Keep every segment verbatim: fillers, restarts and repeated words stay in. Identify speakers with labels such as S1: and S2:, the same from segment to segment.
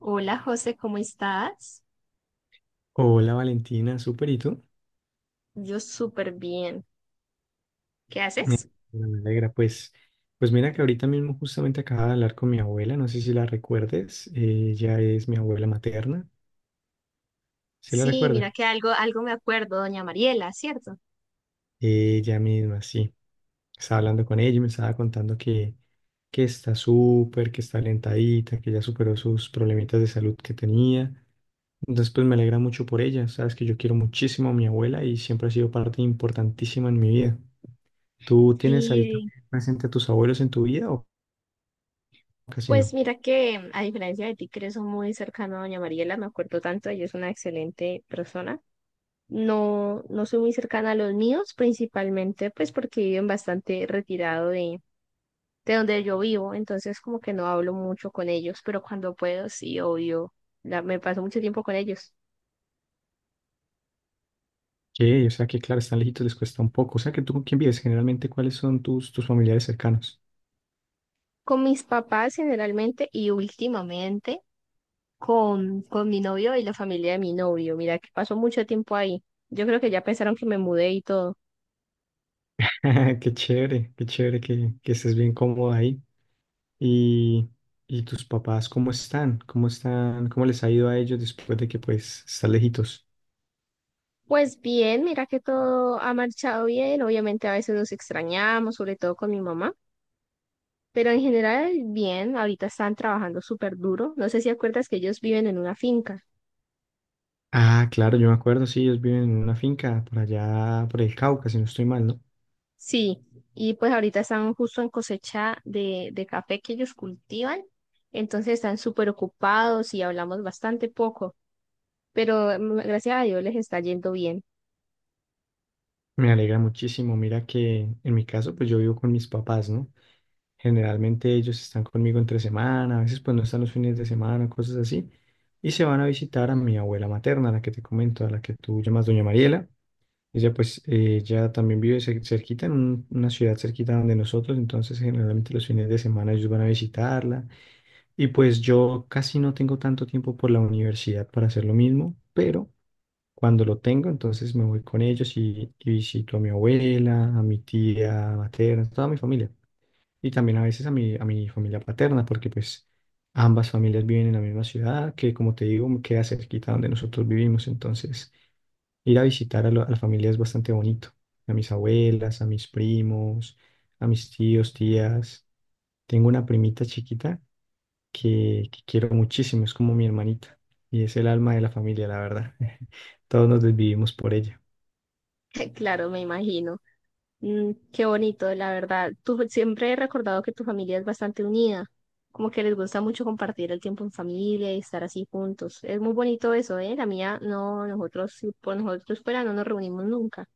S1: Hola José, ¿cómo estás?
S2: Hola Valentina, súper, ¿y tú?
S1: Yo súper bien. ¿Qué
S2: Me
S1: haces?
S2: me alegra, pues, pues mira que ahorita mismo justamente acababa de hablar con mi abuela, no sé si la recuerdes, eh, ella es mi abuela materna, ¿se la
S1: Sí,
S2: recuerda?
S1: mira que algo, algo me acuerdo, doña Mariela, ¿cierto?
S2: Ella misma, sí, estaba hablando con ella y me estaba contando que, que está súper, que está alentadita, que ya superó sus problemitas de salud que tenía, entonces pues me alegra mucho por ella, sabes que yo quiero muchísimo a mi abuela y siempre ha sido parte importantísima en mi vida. ¿Tú tienes ahí
S1: Sí,
S2: también presente a tus abuelos en tu vida o casi
S1: pues
S2: no?
S1: mira que a diferencia de ti, que eres muy cercano a doña Mariela, me acuerdo tanto, ella es una excelente persona. No, no soy muy cercana a los míos, principalmente pues porque viven bastante retirado de, de donde yo vivo, entonces como que no hablo mucho con ellos, pero cuando puedo, sí, obvio, la- me paso mucho tiempo con ellos.
S2: Sí, o sea que claro, están lejitos, les cuesta un poco. O sea que tú con quién vives generalmente, ¿cuáles son tus, tus familiares cercanos?
S1: Con mis papás generalmente y últimamente con, con mi novio y la familia de mi novio. Mira que pasó mucho tiempo ahí. Yo creo que ya pensaron que me mudé y todo.
S2: Qué chévere, qué chévere que, que estés bien cómodo ahí. Y, y tus papás, ¿cómo están? ¿Cómo están? ¿Cómo les ha ido a ellos después de que pues están lejitos?
S1: Pues bien, mira que todo ha marchado bien. Obviamente a veces nos extrañamos, sobre todo con mi mamá, pero en general bien. Ahorita están trabajando súper duro. No sé si acuerdas que ellos viven en una finca.
S2: Ah, claro, yo me acuerdo, sí, ellos viven en una finca por allá, por el Cauca, si no estoy mal, ¿no?
S1: Sí, y pues ahorita están justo en cosecha de, de café que ellos cultivan. Entonces están súper ocupados y hablamos bastante poco. Pero mm, gracias a Dios les está yendo bien.
S2: Me alegra muchísimo. Mira que en mi caso, pues yo vivo con mis papás, ¿no? Generalmente ellos están conmigo entre semana, a veces pues no están los fines de semana, cosas así. Y se van a visitar a mi abuela materna, la que te comento, a la que tú llamas Doña Mariela. Ella pues eh, ya también vive cer- cerquita, en un- una ciudad cerquita donde nosotros, entonces generalmente los fines de semana ellos van a visitarla. Y pues yo casi no tengo tanto tiempo por la universidad para hacer lo mismo, pero cuando lo tengo, entonces me voy con ellos y, y visito a mi abuela, a mi tía materna, toda mi familia y también a veces a mi, a mi familia paterna, porque pues ambas familias viven en la misma ciudad, que como te digo, me queda cerquita donde nosotros vivimos, entonces ir a visitar a, lo- a la familia es bastante bonito, a mis abuelas, a mis primos, a mis tíos, tías. Tengo una primita chiquita que, que quiero muchísimo, es como mi hermanita y es el alma de la familia, la verdad. Todos nos desvivimos por ella.
S1: Claro, me imagino. Mm, qué bonito, la verdad. Tú siempre he recordado que tu familia es bastante unida, como que les gusta mucho compartir el tiempo en familia y estar así juntos. Es muy bonito eso, ¿eh? La mía, no, nosotros, si por nosotros fuera, no nos reunimos nunca.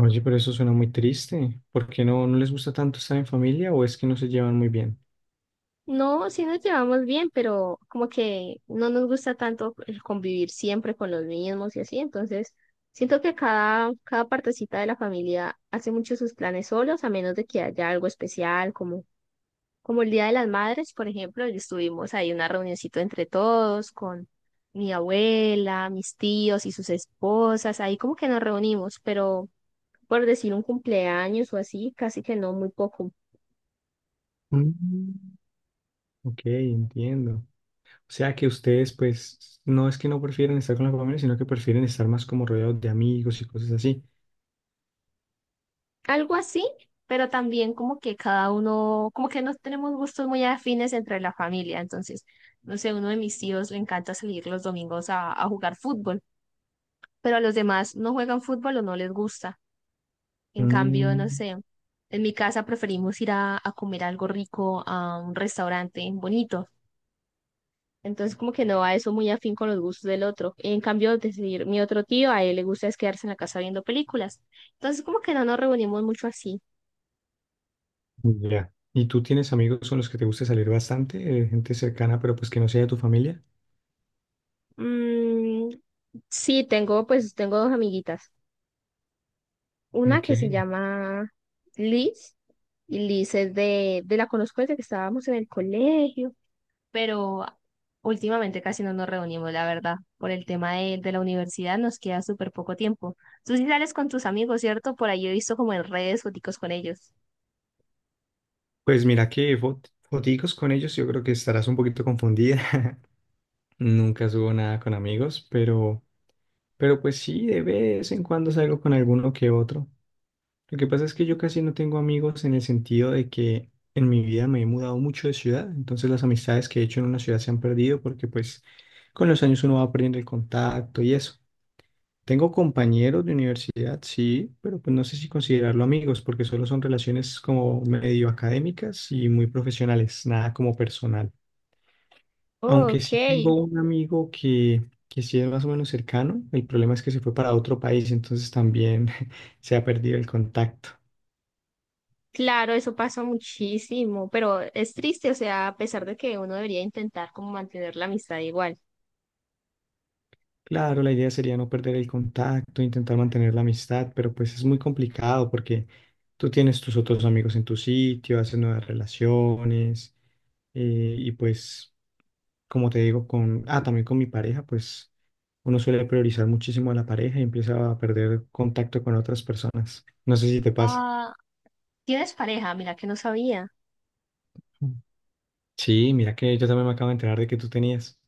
S2: Oye, pero eso suena muy triste. ¿Por qué no, no les gusta tanto estar en familia o es que no se llevan muy bien?
S1: No, sí nos llevamos bien, pero como que no nos gusta tanto el convivir siempre con los mismos y así, entonces siento que cada, cada partecita de la familia hace mucho sus planes solos, a menos de que haya algo especial, como, como el Día de las Madres, por ejemplo, y estuvimos ahí una reunioncito entre todos con mi abuela, mis tíos y sus esposas, ahí como que nos reunimos, pero por decir un cumpleaños o así, casi que no, muy poco.
S2: Mm. Ok, entiendo. O sea que ustedes, pues, no es que no prefieren estar con la familia, sino que prefieren estar más como rodeados de amigos y cosas así.
S1: Algo así, pero también como que cada uno, como que no tenemos gustos muy afines entre la familia. Entonces, no sé, uno de mis tíos le encanta salir los domingos a, a jugar fútbol, pero a los demás no juegan fútbol o no les gusta. En cambio,
S2: Mm,
S1: no sé, en mi casa preferimos ir a, a comer algo rico a un restaurante bonito. Entonces, como que no va eso muy afín con los gustos del otro. En cambio, decir, mi otro tío, a él le gusta es quedarse en la casa viendo películas. Entonces, como que no nos reunimos mucho así.
S2: ya. ¿Y tú tienes amigos con los que te gusta salir bastante, eh, gente cercana, pero pues que no sea de tu familia?
S1: Mm, sí, tengo, pues tengo dos amiguitas. Una que se
S2: Ok.
S1: llama Liz, y Liz es de, de la conozco desde que estábamos en el colegio, pero últimamente casi no nos reunimos, la verdad. Por el tema de, de la universidad nos queda súper poco tiempo. Tú sí sales con tus amigos, ¿cierto? Por ahí he visto como en redes foticos con ellos.
S2: Pues mira que fot- foticos con ellos, yo creo que estarás un poquito confundida. Nunca subo nada con amigos, pero, pero pues sí, de vez en cuando salgo con alguno que otro. Lo que pasa es que yo casi no tengo amigos en el sentido de que en mi vida me he mudado mucho de ciudad, entonces las amistades que he hecho en una ciudad se han perdido porque pues con los años uno va perdiendo el contacto y eso. Tengo compañeros de universidad, sí, pero pues no sé si considerarlo amigos porque solo son relaciones como medio académicas y muy profesionales, nada como personal. Aunque
S1: Ok,
S2: sí tengo un amigo que, que, sí es más o menos cercano, el problema es que se fue para otro país, entonces también se ha perdido el contacto.
S1: claro, eso pasa muchísimo, pero es triste, o sea, a pesar de que uno debería intentar como mantener la amistad igual.
S2: Claro, la idea sería no perder el contacto, intentar mantener la amistad, pero pues es muy complicado porque tú tienes tus otros amigos en tu sitio, haces nuevas relaciones eh, y pues, como te digo, con, ah, también con mi pareja, pues uno suele priorizar muchísimo a la pareja y empieza a perder contacto con otras personas. No sé si te pasa.
S1: Ah, tienes pareja, mira que no sabía.
S2: Sí, mira que yo también me acabo de enterar de que tú tenías.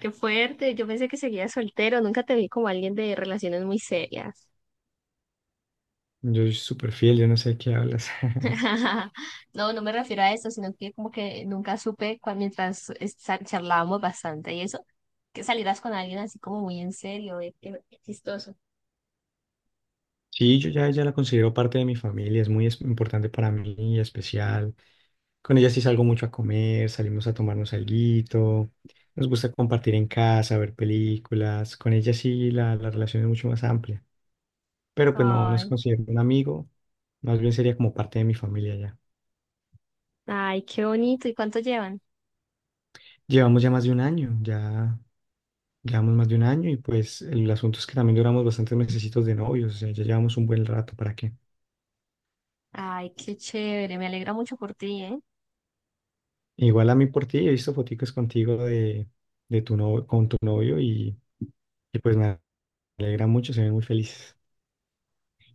S1: Qué fuerte, yo pensé que seguías soltero, nunca te vi como alguien de relaciones muy serias.
S2: Yo soy súper fiel, yo no sé de qué hablas.
S1: No, no me refiero a eso, sino que como que nunca supe cuando mientras esta- charlábamos bastante y eso, que salieras con alguien así como muy en serio, eh, qué qué chistoso.
S2: Sí, yo ya, ya la considero parte de mi familia, es muy es- importante para mí, especial. Con ella sí salgo mucho a comer, salimos a tomarnos alguito, nos gusta compartir en casa, ver películas. Con ella sí la, la relación es mucho más amplia, pero pues no, no se
S1: Ay,
S2: considera un amigo, más bien sería como parte de mi familia ya.
S1: ay, qué bonito, ¿y cuánto llevan?
S2: Llevamos ya más de un año, ya llevamos más de un año y pues el asunto es que también duramos bastantes mesecitos de novios, o sea, ya llevamos un buen rato, ¿para qué?
S1: Ay, qué chévere, me alegra mucho por ti, ¿eh?
S2: Igual a mí por ti, he visto foticos contigo de, de, tu novio, con tu novio y, y pues me alegra mucho, se ven muy felices.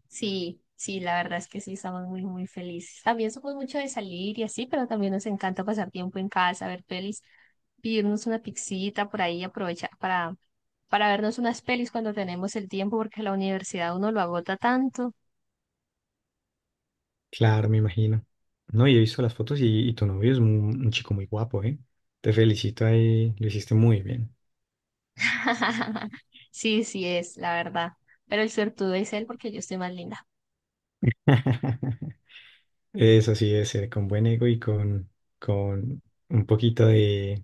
S1: Sí, sí, la verdad es que sí, estamos muy, muy felices. También somos mucho de salir y así, pero también nos encanta pasar tiempo en casa, ver pelis, pedirnos una pixita por ahí, aprovechar para, para vernos unas pelis cuando tenemos el tiempo, porque la universidad uno lo agota tanto.
S2: Claro, me imagino. No, y he visto las fotos y, y tu novio es un, un chico muy guapo, ¿eh? Te felicito ahí, lo hiciste muy bien.
S1: Sí, sí es, la verdad. Pero el suertudo es él porque yo estoy más linda.
S2: Eso sí debe ser, con buen ego y con, con, un poquito de,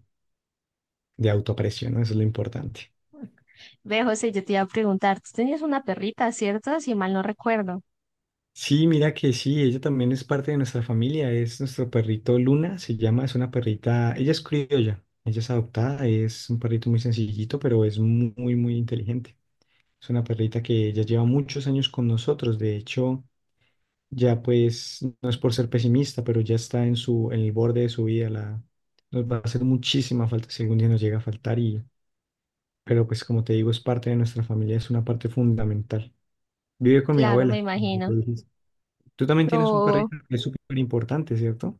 S2: de autoaprecio, ¿no? Eso es lo importante.
S1: Ve, José, yo te iba a preguntar, tú tenías una perrita, ¿cierto? Si mal no recuerdo.
S2: Sí, mira que sí, ella también es parte de nuestra familia, es nuestro perrito Luna, se llama, es una perrita, ella es criolla, ella es adoptada, es un perrito muy sencillito, pero es mu- muy, muy inteligente. Es una perrita que ya lleva muchos años con nosotros, de hecho, ya pues, no es por ser pesimista, pero ya está en su, en el borde de su vida, la, nos va a hacer muchísima falta si algún día nos llega a faltar y, pero pues como te digo, es parte de nuestra familia, es una parte fundamental. Vive con mi
S1: Claro, me
S2: abuela.
S1: imagino.
S2: Tú también tienes un
S1: No.
S2: perrito que es súper importante, ¿cierto?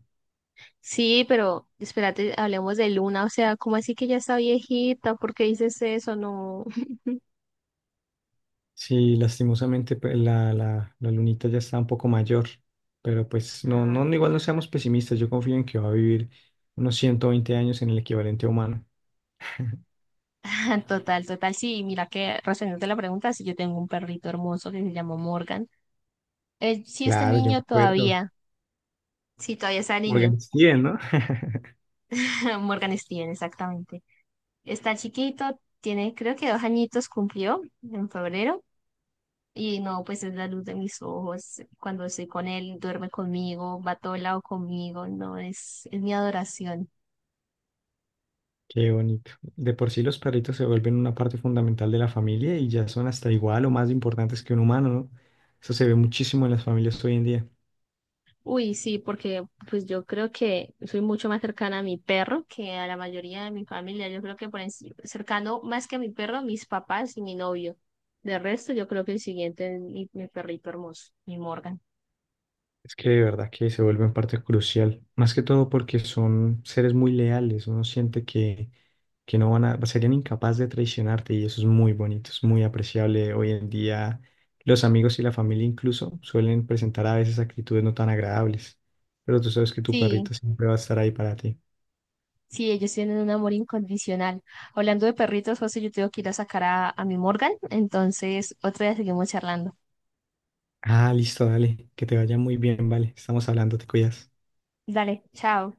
S1: Sí, pero espérate, hablemos de Luna, o sea, ¿cómo así que ya está viejita? ¿Por qué dices eso? No.
S2: Sí, lastimosamente pe- la, la, la lunita ya está un poco mayor, pero pues no,
S1: Ah,
S2: no, igual no seamos pesimistas, yo confío en que va a vivir unos ciento veinte años en el equivalente humano.
S1: total, total, sí, mira que respondiendo la pregunta, sí, yo tengo un perrito hermoso que se llama Morgan. Eh, sí, está
S2: Claro, yo me
S1: niño
S2: acuerdo.
S1: todavía, sí, todavía está niño,
S2: Morgan Steven, ¿no?
S1: Morgan Steven, exactamente. Está chiquito, tiene creo que dos añitos cumplió en febrero y no, pues es la luz de mis ojos. Cuando estoy con él, duerme conmigo, va a todo lado conmigo, no, es, es mi adoración.
S2: Qué bonito. De por sí los perritos se vuelven una parte fundamental de la familia y ya son hasta igual o más importantes que un humano, ¿no? Eso se ve muchísimo en las familias hoy en día.
S1: Uy, sí, porque pues yo creo que soy mucho más cercana a mi perro que a la mayoría de mi familia. Yo creo que por enci- cercano más que a mi perro, a mis papás y mi novio. De resto, yo creo que el siguiente es mi, mi perrito hermoso, mi Morgan.
S2: Es que de verdad que se vuelven parte crucial, más que todo porque son seres muy leales, uno siente que, que, no van a, serían incapaces de traicionarte y eso es muy bonito, es muy apreciable. Hoy en día los amigos y la familia incluso suelen presentar a veces actitudes no tan agradables, pero tú sabes que tu
S1: Sí,
S2: perrito siempre va a estar ahí para ti.
S1: sí, ellos tienen un amor incondicional. Hablando de perritos, José, yo tengo que ir a sacar a, a mi Morgan, entonces otro día seguimos charlando.
S2: Ah, listo, dale, que te vaya muy bien, vale, estamos hablando, te cuidas.
S1: Dale, chao.